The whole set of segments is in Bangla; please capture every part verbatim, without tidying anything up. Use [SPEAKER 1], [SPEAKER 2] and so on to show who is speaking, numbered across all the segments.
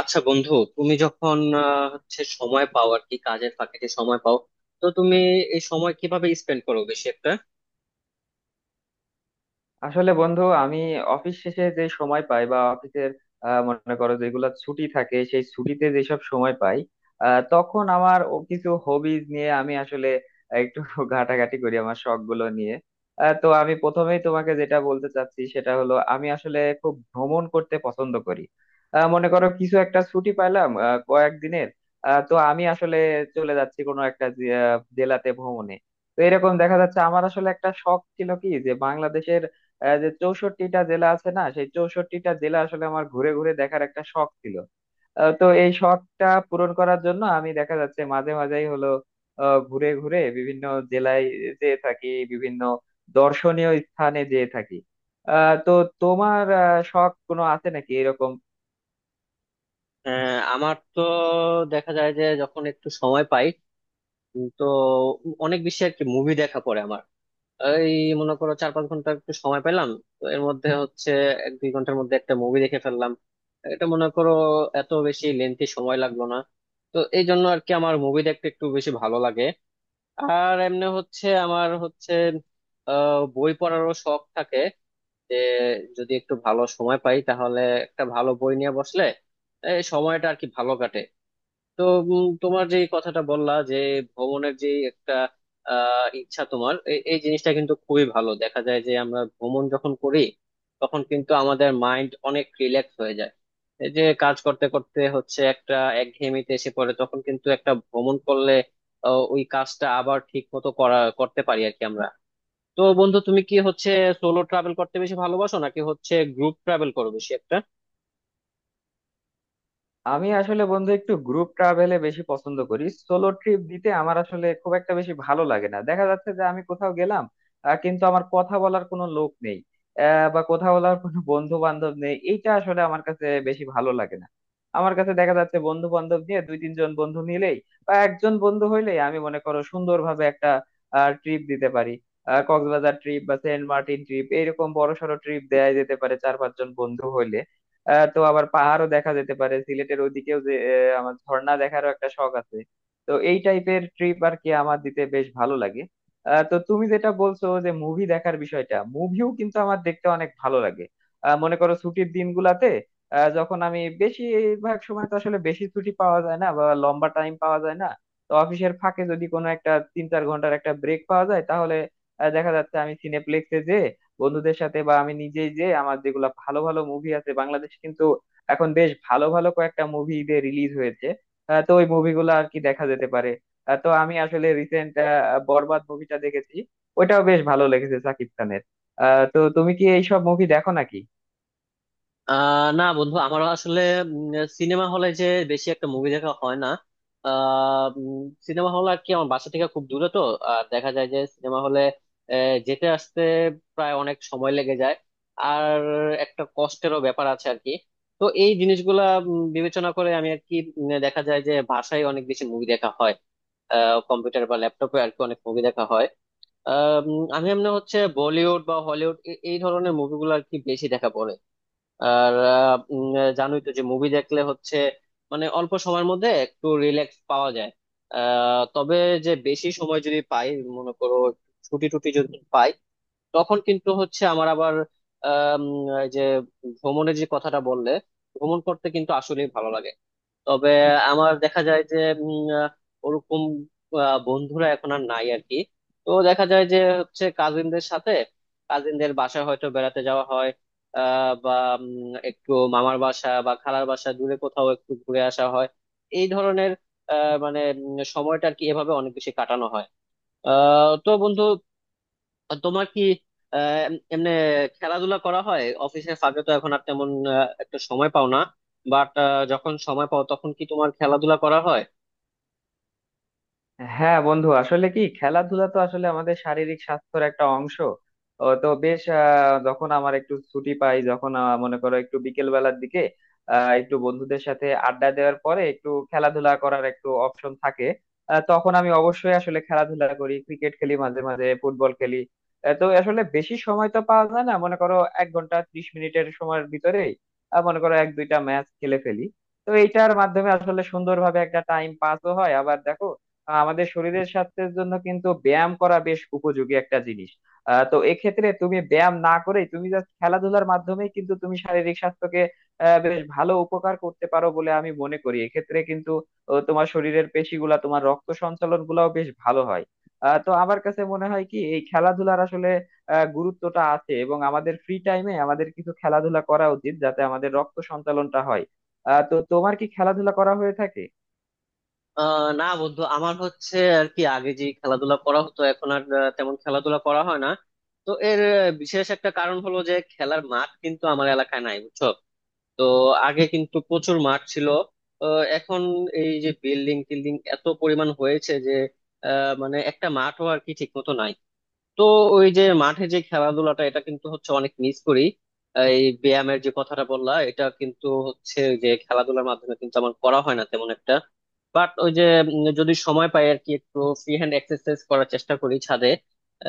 [SPEAKER 1] আচ্ছা বন্ধু, তুমি যখন আহ, হচ্ছে সময় পাও আর কি, কাজের ফাঁকে যে সময় পাও, তো তুমি এই সময় কিভাবে স্পেন্ড করো বেশি একটা?
[SPEAKER 2] আসলে বন্ধু আমি অফিস শেষে যে সময় পাই বা অফিসের আহ, মনে করো যেগুলো ছুটি থাকে সেই ছুটিতে যেসব সময় পাই, আহ, তখন আমার ও কিছু হবিজ নিয়ে আমি আসলে একটু ঘাটাঘাটি করি আমার শখ গুলো নিয়ে। আহ, তো আমি প্রথমেই তোমাকে যেটা বলতে চাচ্ছি সেটা হলো আমি আসলে খুব ভ্রমণ করতে পছন্দ করি। আহ, মনে করো কিছু একটা ছুটি পাইলাম আহ, কয়েকদিনের। আহ, তো আমি আসলে চলে যাচ্ছি কোনো একটা জে- আহ, জেলাতে ভ্রমণে। তো এরকম দেখা যাচ্ছে আমার আসলে একটা শখ ছিল কি, যে আহ, যে চৌষট্টিটা জেলা আছে না, সেই চৌষট্টিটা জেলা আসলে আমার ঘুরে ঘুরে দেখার একটা শখ ছিল। আহ, তো এই শখটা পূরণ করার জন্য আমি দেখা যাচ্ছে মাঝে মাঝেই হলো আহ, ঘুরে ঘুরে বিভিন্ন জেলায় যেয়ে থাকি, বিভিন্ন দর্শনীয় স্থানে যেয়ে থাকি। আহ, তো তোমার আহ, শখ কোনো আছে নাকি এরকম?
[SPEAKER 1] আহ, আমার তো দেখা যায় যে যখন একটু সময় পাই, উম, তো অনেক বেশি আর কি মুভি দেখা পড়ে আমার। এই মনে করো, চার পাঁচ ঘন্টা একটু সময় পেলাম, তো এর মধ্যে হচ্ছে এক দুই ঘন্টার মধ্যে একটা মুভি দেখে ফেললাম। এটা মনে করো এত বেশি লেন্থি সময় লাগলো না, তো এই জন্য আর কি আমার মুভি দেখতে একটু বেশি ভালো লাগে। আর এমনি হচ্ছে আমার হচ্ছে আহ, বই পড়ারও শখ থাকে, যে যদি একটু ভালো সময় পাই তাহলে একটা ভালো বই নিয়ে বসলে এই সময়টা আর কি ভালো কাটে। তো উম, তোমার যে এই কথাটা বললা যে ভ্রমণের যে একটা আহ ইচ্ছা তোমার, এ- এই জিনিসটা কিন্তু খুবই ভালো। দেখা যায় যে আমরা ভ্রমণ যখন করি তখন কিন্তু আমাদের মাইন্ড অনেক রিল্যাক্স হয়ে যায়। এই যে কাজ করতে করতে হচ্ছে একটা একঘেয়েমিতে এসে পড়ে, তখন কিন্তু একটা ভ্রমণ করলে আহ, ওই কাজটা আবার ঠিক মতো করা করতে পারি আর কি আমরা। তো বন্ধু, তুমি কি হচ্ছে সোলো ট্রাভেল করতে বেশি ভালোবাসো, নাকি হচ্ছে গ্রুপ ট্রাভেল করো বেশি একটা?
[SPEAKER 2] আমি আসলে বন্ধু একটু গ্রুপ ট্রাভেলে বেশি পছন্দ করি, সোলো ট্রিপ দিতে আমার আসলে খুব একটা বেশি ভালো লাগে না। দেখা যাচ্ছে যে আমি কোথাও গেলাম, আহ, কিন্তু আমার কথা বলার কোনো লোক নেই, আহ, বা কথা বলার কোনো বন্ধু বান্ধব নেই, এইটা আসলে আমার কাছে বেশি ভালো লাগে না। আমার কাছে দেখা যাচ্ছে বন্ধু বান্ধব নিয়ে দুই তিনজন বন্ধু নিলেই বা একজন বন্ধু হইলেই আমি মনে করো সুন্দরভাবে একটা ট্রিপ দিতে পারি। আহ, কক্সবাজার ট্রিপ বা সেন্ট মার্টিন ট্রিপ এরকম বড় সড়ো ট্রিপ দেয়া যেতে পারে চার পাঁচজন বন্ধু হইলে। আহ, তো আবার পাহাড়ও দেখা যেতে পারে সিলেটের ওইদিকেও, যে আহ, আমার ঝর্ণা দেখারও একটা শখ আছে। তো এই টাইপের ট্রিপ আর কি আমার দিতে বেশ ভালো লাগে। আহ, তো তুমি যেটা বলছো যে মুভি দেখার বিষয়টা, মুভিও কিন্তু আমার দেখতে অনেক ভালো লাগে। আহ, মনে করো ছুটির দিনগুলাতে আহ, যখন আমি, বেশিরভাগ সময় তো আসলে বেশি ছুটি পাওয়া যায় না বা লম্বা টাইম পাওয়া যায় না। তো অফিসের ফাঁকে যদি কোনো একটা তিন চার ঘন্টার একটা ব্রেক পাওয়া যায় তাহলে আহ, দেখা যাচ্ছে আমি সিনেপ্লেক্সে বন্ধুদের সাথে বা আমি নিজেই, যে আমার যেগুলা ভালো ভালো মুভি আছে, বাংলাদেশ কিন্তু এখন বেশ ভালো ভালো কয়েকটা মুভি ঈদে রিলিজ হয়েছে। আহ, তো ওই মুভিগুলো আর কি দেখা যেতে পারে। আহ, তো আমি আসলে রিসেন্ট বরবাদ মুভিটা দেখেছি, ওইটাও বেশ ভালো লেগেছে, সাকিব খানের। আহ তো তুমি কি এইসব মুভি দেখো নাকি?
[SPEAKER 1] আহ না বন্ধু, আমারও আসলে সিনেমা হলে যে বেশি একটা মুভি দেখা হয় না। সিনেমা হল আর কি আমার বাসা থেকে খুব দূরে, তো আর দেখা যায় যে সিনেমা হলে যেতে আসতে প্রায় অনেক সময় লেগে যায়, আর একটা কষ্টেরও ব্যাপার আছে আর কি। তো এই জিনিসগুলা উম, বিবেচনা করে আমি আর কি উম, দেখা যায় যে বাসায় অনেক বেশি মুভি দেখা হয়, কম্পিউটার বা ল্যাপটপে আর কি অনেক মুভি দেখা হয়। আহ, উম, আমি এমনি হচ্ছে বলিউড বা হলিউড এই ধরনের মুভিগুলো আর কি বেশি দেখা পড়ে। আর আহ, উম, জানোই তো যে মুভি দেখলে হচ্ছে মানে অল্প সময়ের মধ্যে একটু রিল্যাক্স পাওয়া যায়। আহ, তবে যে বেশি সময় যদি পাই, মনে করো ছুটি টুটি যদি পাই, তখন কিন্তু হচ্ছে আমার আবার আম, এই যে ভ্রমণের যে কথাটা বললে, ভ্রমণ করতে কিন্তু আসলেই ভালো লাগে। তবে আমার দেখা যায় যে উম, আহ, ওরকম আহ, বন্ধুরা এখন আর নাই আর কি। তো দেখা যায় যে হচ্ছে কাজিনদের সাথে, কাজিনদের বাসায় হয়তো বেড়াতে যাওয়া হয়। আহ বা উম, একটু মামার বাসা বা খালার বাসা দূরে কোথাও একটু ঘুরে আসা হয়, এই ধরনের আহ মানে উম, সময়টা আর কি এভাবে অনেক বেশি কাটানো হয়। আহ তো বন্ধু, আর তোমার কি আহ এমনি খেলাধুলা করা হয়? অফিসের ফাঁকে তো এখন আর তেমন আহ, একটা সময় পাও না, বাট যখন সময় পাও তখন কি তোমার খেলাধুলা করা হয়?
[SPEAKER 2] হ্যাঁ বন্ধু, আসলে কি, খেলাধুলা তো আসলে আমাদের শারীরিক স্বাস্থ্যের একটা অংশ, ও তো বেশ। আহ, যখন আমার একটু ছুটি পাই, যখন আহ, মনে করো একটু বিকেল বেলার দিকে আহ, একটু বন্ধুদের সাথে আড্ডা দেওয়ার পরে একটু খেলাধুলা করার একটু অপশন থাকে, আহ, তখন আমি অবশ্যই আসলে খেলাধুলা করি, ক্রিকেট খেলি, মাঝে মাঝে ফুটবল খেলি। আহ, তো আসলে বেশি সময় তো পাওয়া যায় না, মনে করো এক ঘন্টা ত্রিশ মিনিটের সময়ের ভিতরেই আহ, মনে করো এক দুইটা ম্যাচ খেলে ফেলি। তো এইটার মাধ্যমে আসলে সুন্দরভাবে একটা টাইম পাসও হয়। আবার দেখো, আহ আমাদের শরীরের স্বাস্থ্যের জন্য কিন্তু ব্যায়াম করা বেশ উপযোগী একটা জিনিস। আহ তো এক্ষেত্রে তুমি ব্যায়াম না করে, তুমি জাস্ট খেলাধুলার মাধ্যমেই কিন্তু তুমি শারীরিক স্বাস্থ্যকে আহ বেশ ভালো উপকার করতে পারো বলে আমি মনে করি। এক্ষেত্রে কিন্তু আহ, তোমার শরীরের পেশিগুলা, তোমার রক্ত সঞ্চালন গুলাও বেশ ভালো হয়। আহ তো আমার কাছে মনে হয় কি এই খেলাধুলার আসলে আহ গুরুত্বটা আছে, এবং আমাদের ফ্রি টাইমে আমাদের কিছু খেলাধুলা করা উচিত, যাতে আমাদের রক্ত সঞ্চালনটা হয়। আহ তো তোমার কি খেলাধুলা করা হয়ে থাকে?
[SPEAKER 1] আহ না বন্ধু, আমার হচ্ছে আর কি আগে যে খেলাধুলা করা হতো, এখন আর আহ, তেমন খেলাধুলা করা হয় না। তো এর আহ, বিশেষ একটা কারণ হলো যে খেলার মাঠ কিন্তু আমার এলাকায় নাই, বুঝছো? তো আগে কিন্তু প্রচুর মাঠ ছিল, তো এখন এই যে বিল্ডিং টিল্ডিং এত পরিমাণ হয়েছে যে আহ মানে একটা মাঠও আর কি ঠিক মতো নাই। তো ওই যে মাঠে যে খেলাধুলাটা, এটা কিন্তু হচ্ছে অনেক মিস করি। এই ব্যায়ামের যে কথাটা বললা, এটা কিন্তু হচ্ছে ওই যে খেলাধুলার মাধ্যমে কিন্তু আমার করা হয় না তেমন একটা। বাট ওই যে উম, যদি সময় পাই আর কি, একটু ফ্রি হ্যান্ড এক্সারসাইজ করার চেষ্টা করি ছাদে।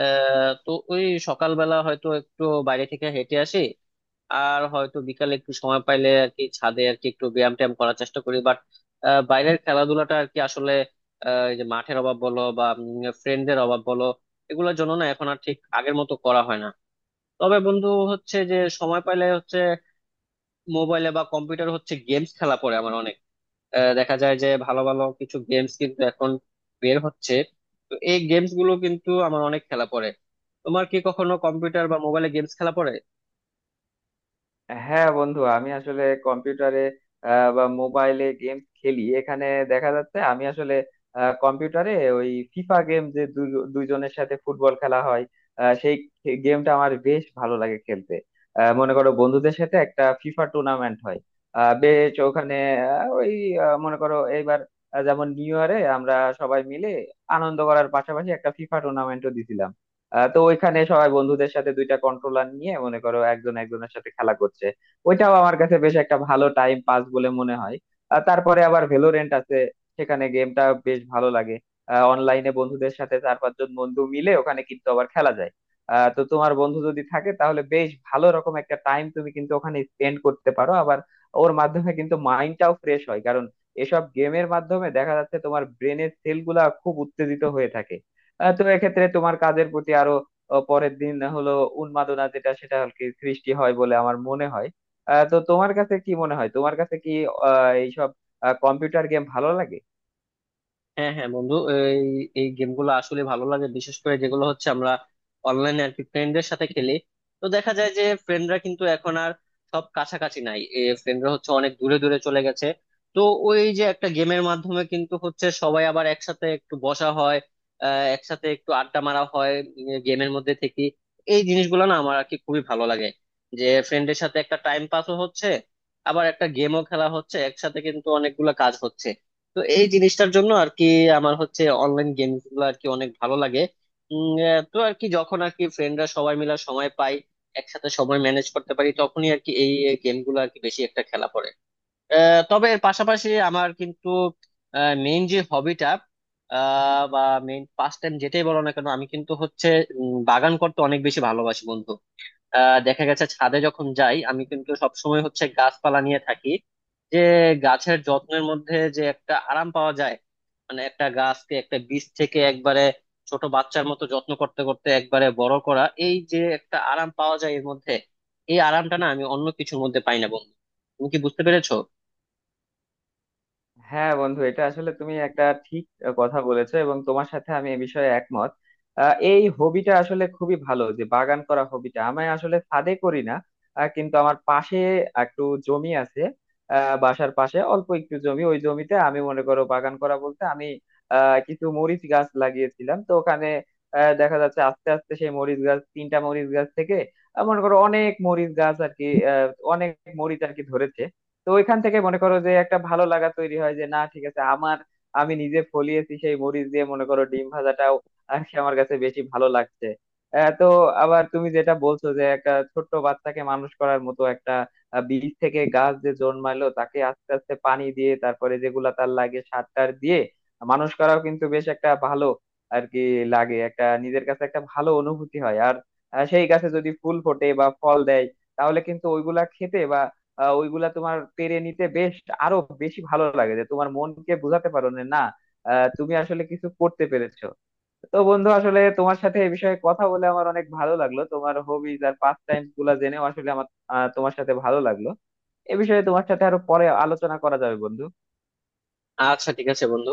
[SPEAKER 1] আহ তো ওই সকালবেলা হয়তো একটু বাইরে থেকে হেঁটে আসি, আর হয়তো বিকালে একটু সময় পাইলে আর কি ছাদে আর কি একটু ব্যায়াম ট্যায়াম করার চেষ্টা করি। বাট বাইরের খেলাধুলাটা আর কি আসলে আহ, এই যে মাঠের অভাব বলো বা ফ্রেন্ডদের অভাব বলো, এগুলোর জন্য না এখন আর ঠিক আগের মতো করা হয় না। তবে বন্ধু, হচ্ছে যে সময় পাইলে হচ্ছে মোবাইলে বা কম্পিউটার হচ্ছে গেমস খেলা পড়ে আমার অনেক। আহ, দেখা যায় যে ভালো ভালো কিছু গেমস কিন্তু এখন বের হচ্ছে, তো এই গেমস গুলো কিন্তু আমার অনেক খেলা পড়ে। তোমার কি কখনো কম্পিউটার বা মোবাইলে গেমস খেলা পড়ে?
[SPEAKER 2] হ্যাঁ বন্ধু, আমি আসলে কম্পিউটারে আহ, বা মোবাইলে গেমস খেলি। এখানে দেখা যাচ্ছে আমি আসলে আহ, কম্পিউটারে ওই ফিফা গেম, যে দুজ- দুইজনের সাথে ফুটবল খেলা হয়, আহ, সেই গেমটা আমার বেশ ভালো লাগে খেলতে। আহ, মনে করো বন্ধুদের সাথে একটা ফিফা টুর্নামেন্ট হয়, আহ, বেশ ওখানে আহ, ওই আহ, মনে করো এইবার আহ, যেমন নিউ ইয়ারে আমরা সবাই মিলে আনন্দ করার পাশাপাশি একটা ফিফা টুর্নামেন্টও দিছিলাম। আহ, তো ওইখানে সবাই বন্ধুদের সাথে দুইটা কন্ট্রোলার নিয়ে মনে করো একজন একজনের সাথে খেলা করছে। ওইটাও আমার কাছে বেশ একটা ভালো টাইম পাস বলে মনে হয়। আর তারপরে আবার ভেলোরেন্ট আছে, সেখানে গেমটা বেশ ভালো লাগে। অনলাইনে বন্ধুদের সাথে চার পাঁচজন বন্ধু মিলে ওখানে কিন্তু আবার খেলা যায়। আহ, তো তোমার বন্ধু যদি থাকে তাহলে বেশ ভালো রকম একটা টাইম তুমি কিন্তু ওখানে স্পেন্ড করতে পারো। আবার ওর মাধ্যমে কিন্তু মাইন্ডটাও ফ্রেশ হয়, কারণ এসব গেমের মাধ্যমে দেখা যাচ্ছে তোমার ব্রেনের সেলগুলা খুব উত্তেজিত হয়ে থাকে। আহ, তো এক্ষেত্রে তোমার কাজের প্রতি আরো, আহ, পরের দিন হলো, উন্মাদনা যেটা, সেটা আর কি সৃষ্টি হয় বলে আমার মনে হয়। আহ, তো তোমার কাছে কি মনে হয়, তোমার কাছে কি আহ এইসব কম্পিউটার গেম ভালো লাগে?
[SPEAKER 1] হ্যাঁ হ্যাঁ বন্ধু, এই এই গেমগুলো আসলে ভালো লাগে, বিশেষ করে যেগুলো হচ্ছে আমরা অনলাইনে আর কি ফ্রেন্ডদের সাথে খেলি। তো দেখা যায় যে ফ্রেন্ডরা কিন্তু এখন আর সব কাছাকাছি নাই, ফ্রেন্ডরা হচ্ছে অনেক দূরে দূরে চলে গেছে। তো ওই যে একটা গেমের মাধ্যমে কিন্তু হচ্ছে সবাই আবার একসাথে একটু বসা হয়, আহ একসাথে একটু আড্ডা মারা হয় গেমের মধ্যে থেকে। এই জিনিসগুলো না আমার আর কি খুবই ভালো লাগে, যে ফ্রেন্ডের সাথে একটা টাইম পাসও হচ্ছে, আবার একটা গেমও খেলা হচ্ছে, একসাথে কিন্তু অনেকগুলো কাজ হচ্ছে। তো এই জিনিসটার জন্য আর কি আমার হচ্ছে অনলাইন গেমস গুলো আর কি অনেক ভালো লাগে। উম, আহ, তো আর কি যখন আর কি ফ্রেন্ডরা সবাই মিলে সময় পাই, একসাথে সময় ম্যানেজ করতে পারি, তখনই আর কি এই গেম গুলো আর কি বেশি একটা খেলা পড়ে। আহ, তবে এর পাশাপাশি আমার কিন্তু মেইন যে হবিটা বা মেইন পাস্ট টাইম যেটাই বলো না কেন, আমি কিন্তু হচ্ছে উম, বাগান করতে অনেক বেশি ভালোবাসি বন্ধু। আহ দেখা গেছে ছাদে যখন যাই আমি কিন্তু সবসময় হচ্ছে গাছপালা নিয়ে থাকি, যে গাছের যত্নের মধ্যে যে একটা আরাম পাওয়া যায়। মানে একটা গাছকে একটা বীজ থেকে একবারে ছোট বাচ্চার মতো যত্ন করতে করতে একবারে বড় করা, এই যে একটা আরাম পাওয়া যায় এর মধ্যে, এই আরামটা না আমি অন্য কিছুর মধ্যে পাই না বন্ধু। তুমি কি বুঝতে পেরেছো?
[SPEAKER 2] হ্যাঁ বন্ধু, এটা আসলে তুমি একটা ঠিক কথা বলেছো, এবং তোমার সাথে আমি এ বিষয়ে একমত। আহ, এই হবিটা আসলে খুবই ভালো, যে বাগান করা হবিটা, আমি আসলে ছাদে করি না, আহ, কিন্তু আমার পাশে একটু জমি আছে। আহ, বাসার পাশে অল্প একটু জমি, ওই জমিতে আমি মনে করো বাগান করা বলতে আমি আহ, কিছু মরিচ গাছ লাগিয়েছিলাম, তো ওখানে আহ, দেখা যাচ্ছে আস্তে আস্তে সেই মরিচ গাছ, তিনটা মরিচ গাছ থেকে আহ, মনে করো অনেক মরিচ গাছ আর কি, আহ, অনেক মরিচ আর কি ধরেছে। তো ওইখান থেকে মনে করো যে একটা ভালো লাগা তৈরি হয়, যে না ঠিক আছে, আমার, আমি নিজে ফলিয়েছি সেই মরিচ দিয়ে মনে করো ডিম ভাজাটাও আর কি আমার কাছে বেশি ভালো লাগছে। আহ, তো আবার তুমি যেটা বলছো যে একটা ছোট্ট বাচ্চাকে মানুষ করার মতো একটা আহ, বীজ থেকে গাছ যে জন্মালো, তাকে আস্তে আস্তে পানি দিয়ে, তারপরে যেগুলা তার লাগে সার টার দিয়ে মানুষ করাও কিন্তু বেশ একটা ভালো আর কি লাগে, একটা নিজের কাছে একটা ভালো অনুভূতি হয়। আর আহ, সেই গাছে যদি ফুল ফোটে বা ফল দেয়, তাহলে কিন্তু ওইগুলা খেতে বা আহ ওইগুলা তোমার পেরে নিতে বেশ আরো বেশি ভালো লাগে, যে তোমার মনকে বোঝাতে পারো যে না, আহ, তুমি আসলে কিছু করতে পেরেছো। তো বন্ধু আসলে তোমার সাথে এই বিষয়ে কথা বলে আমার অনেক ভালো লাগলো, তোমার হবিজ আর পাস টাইম গুলা জেনেও আসলে আমার আহ, তোমার সাথে ভালো লাগলো। এ বিষয়ে তোমার সাথে আরো পরে আলোচনা করা যাবে বন্ধু।
[SPEAKER 1] আচ্ছা ঠিক আছে বন্ধু।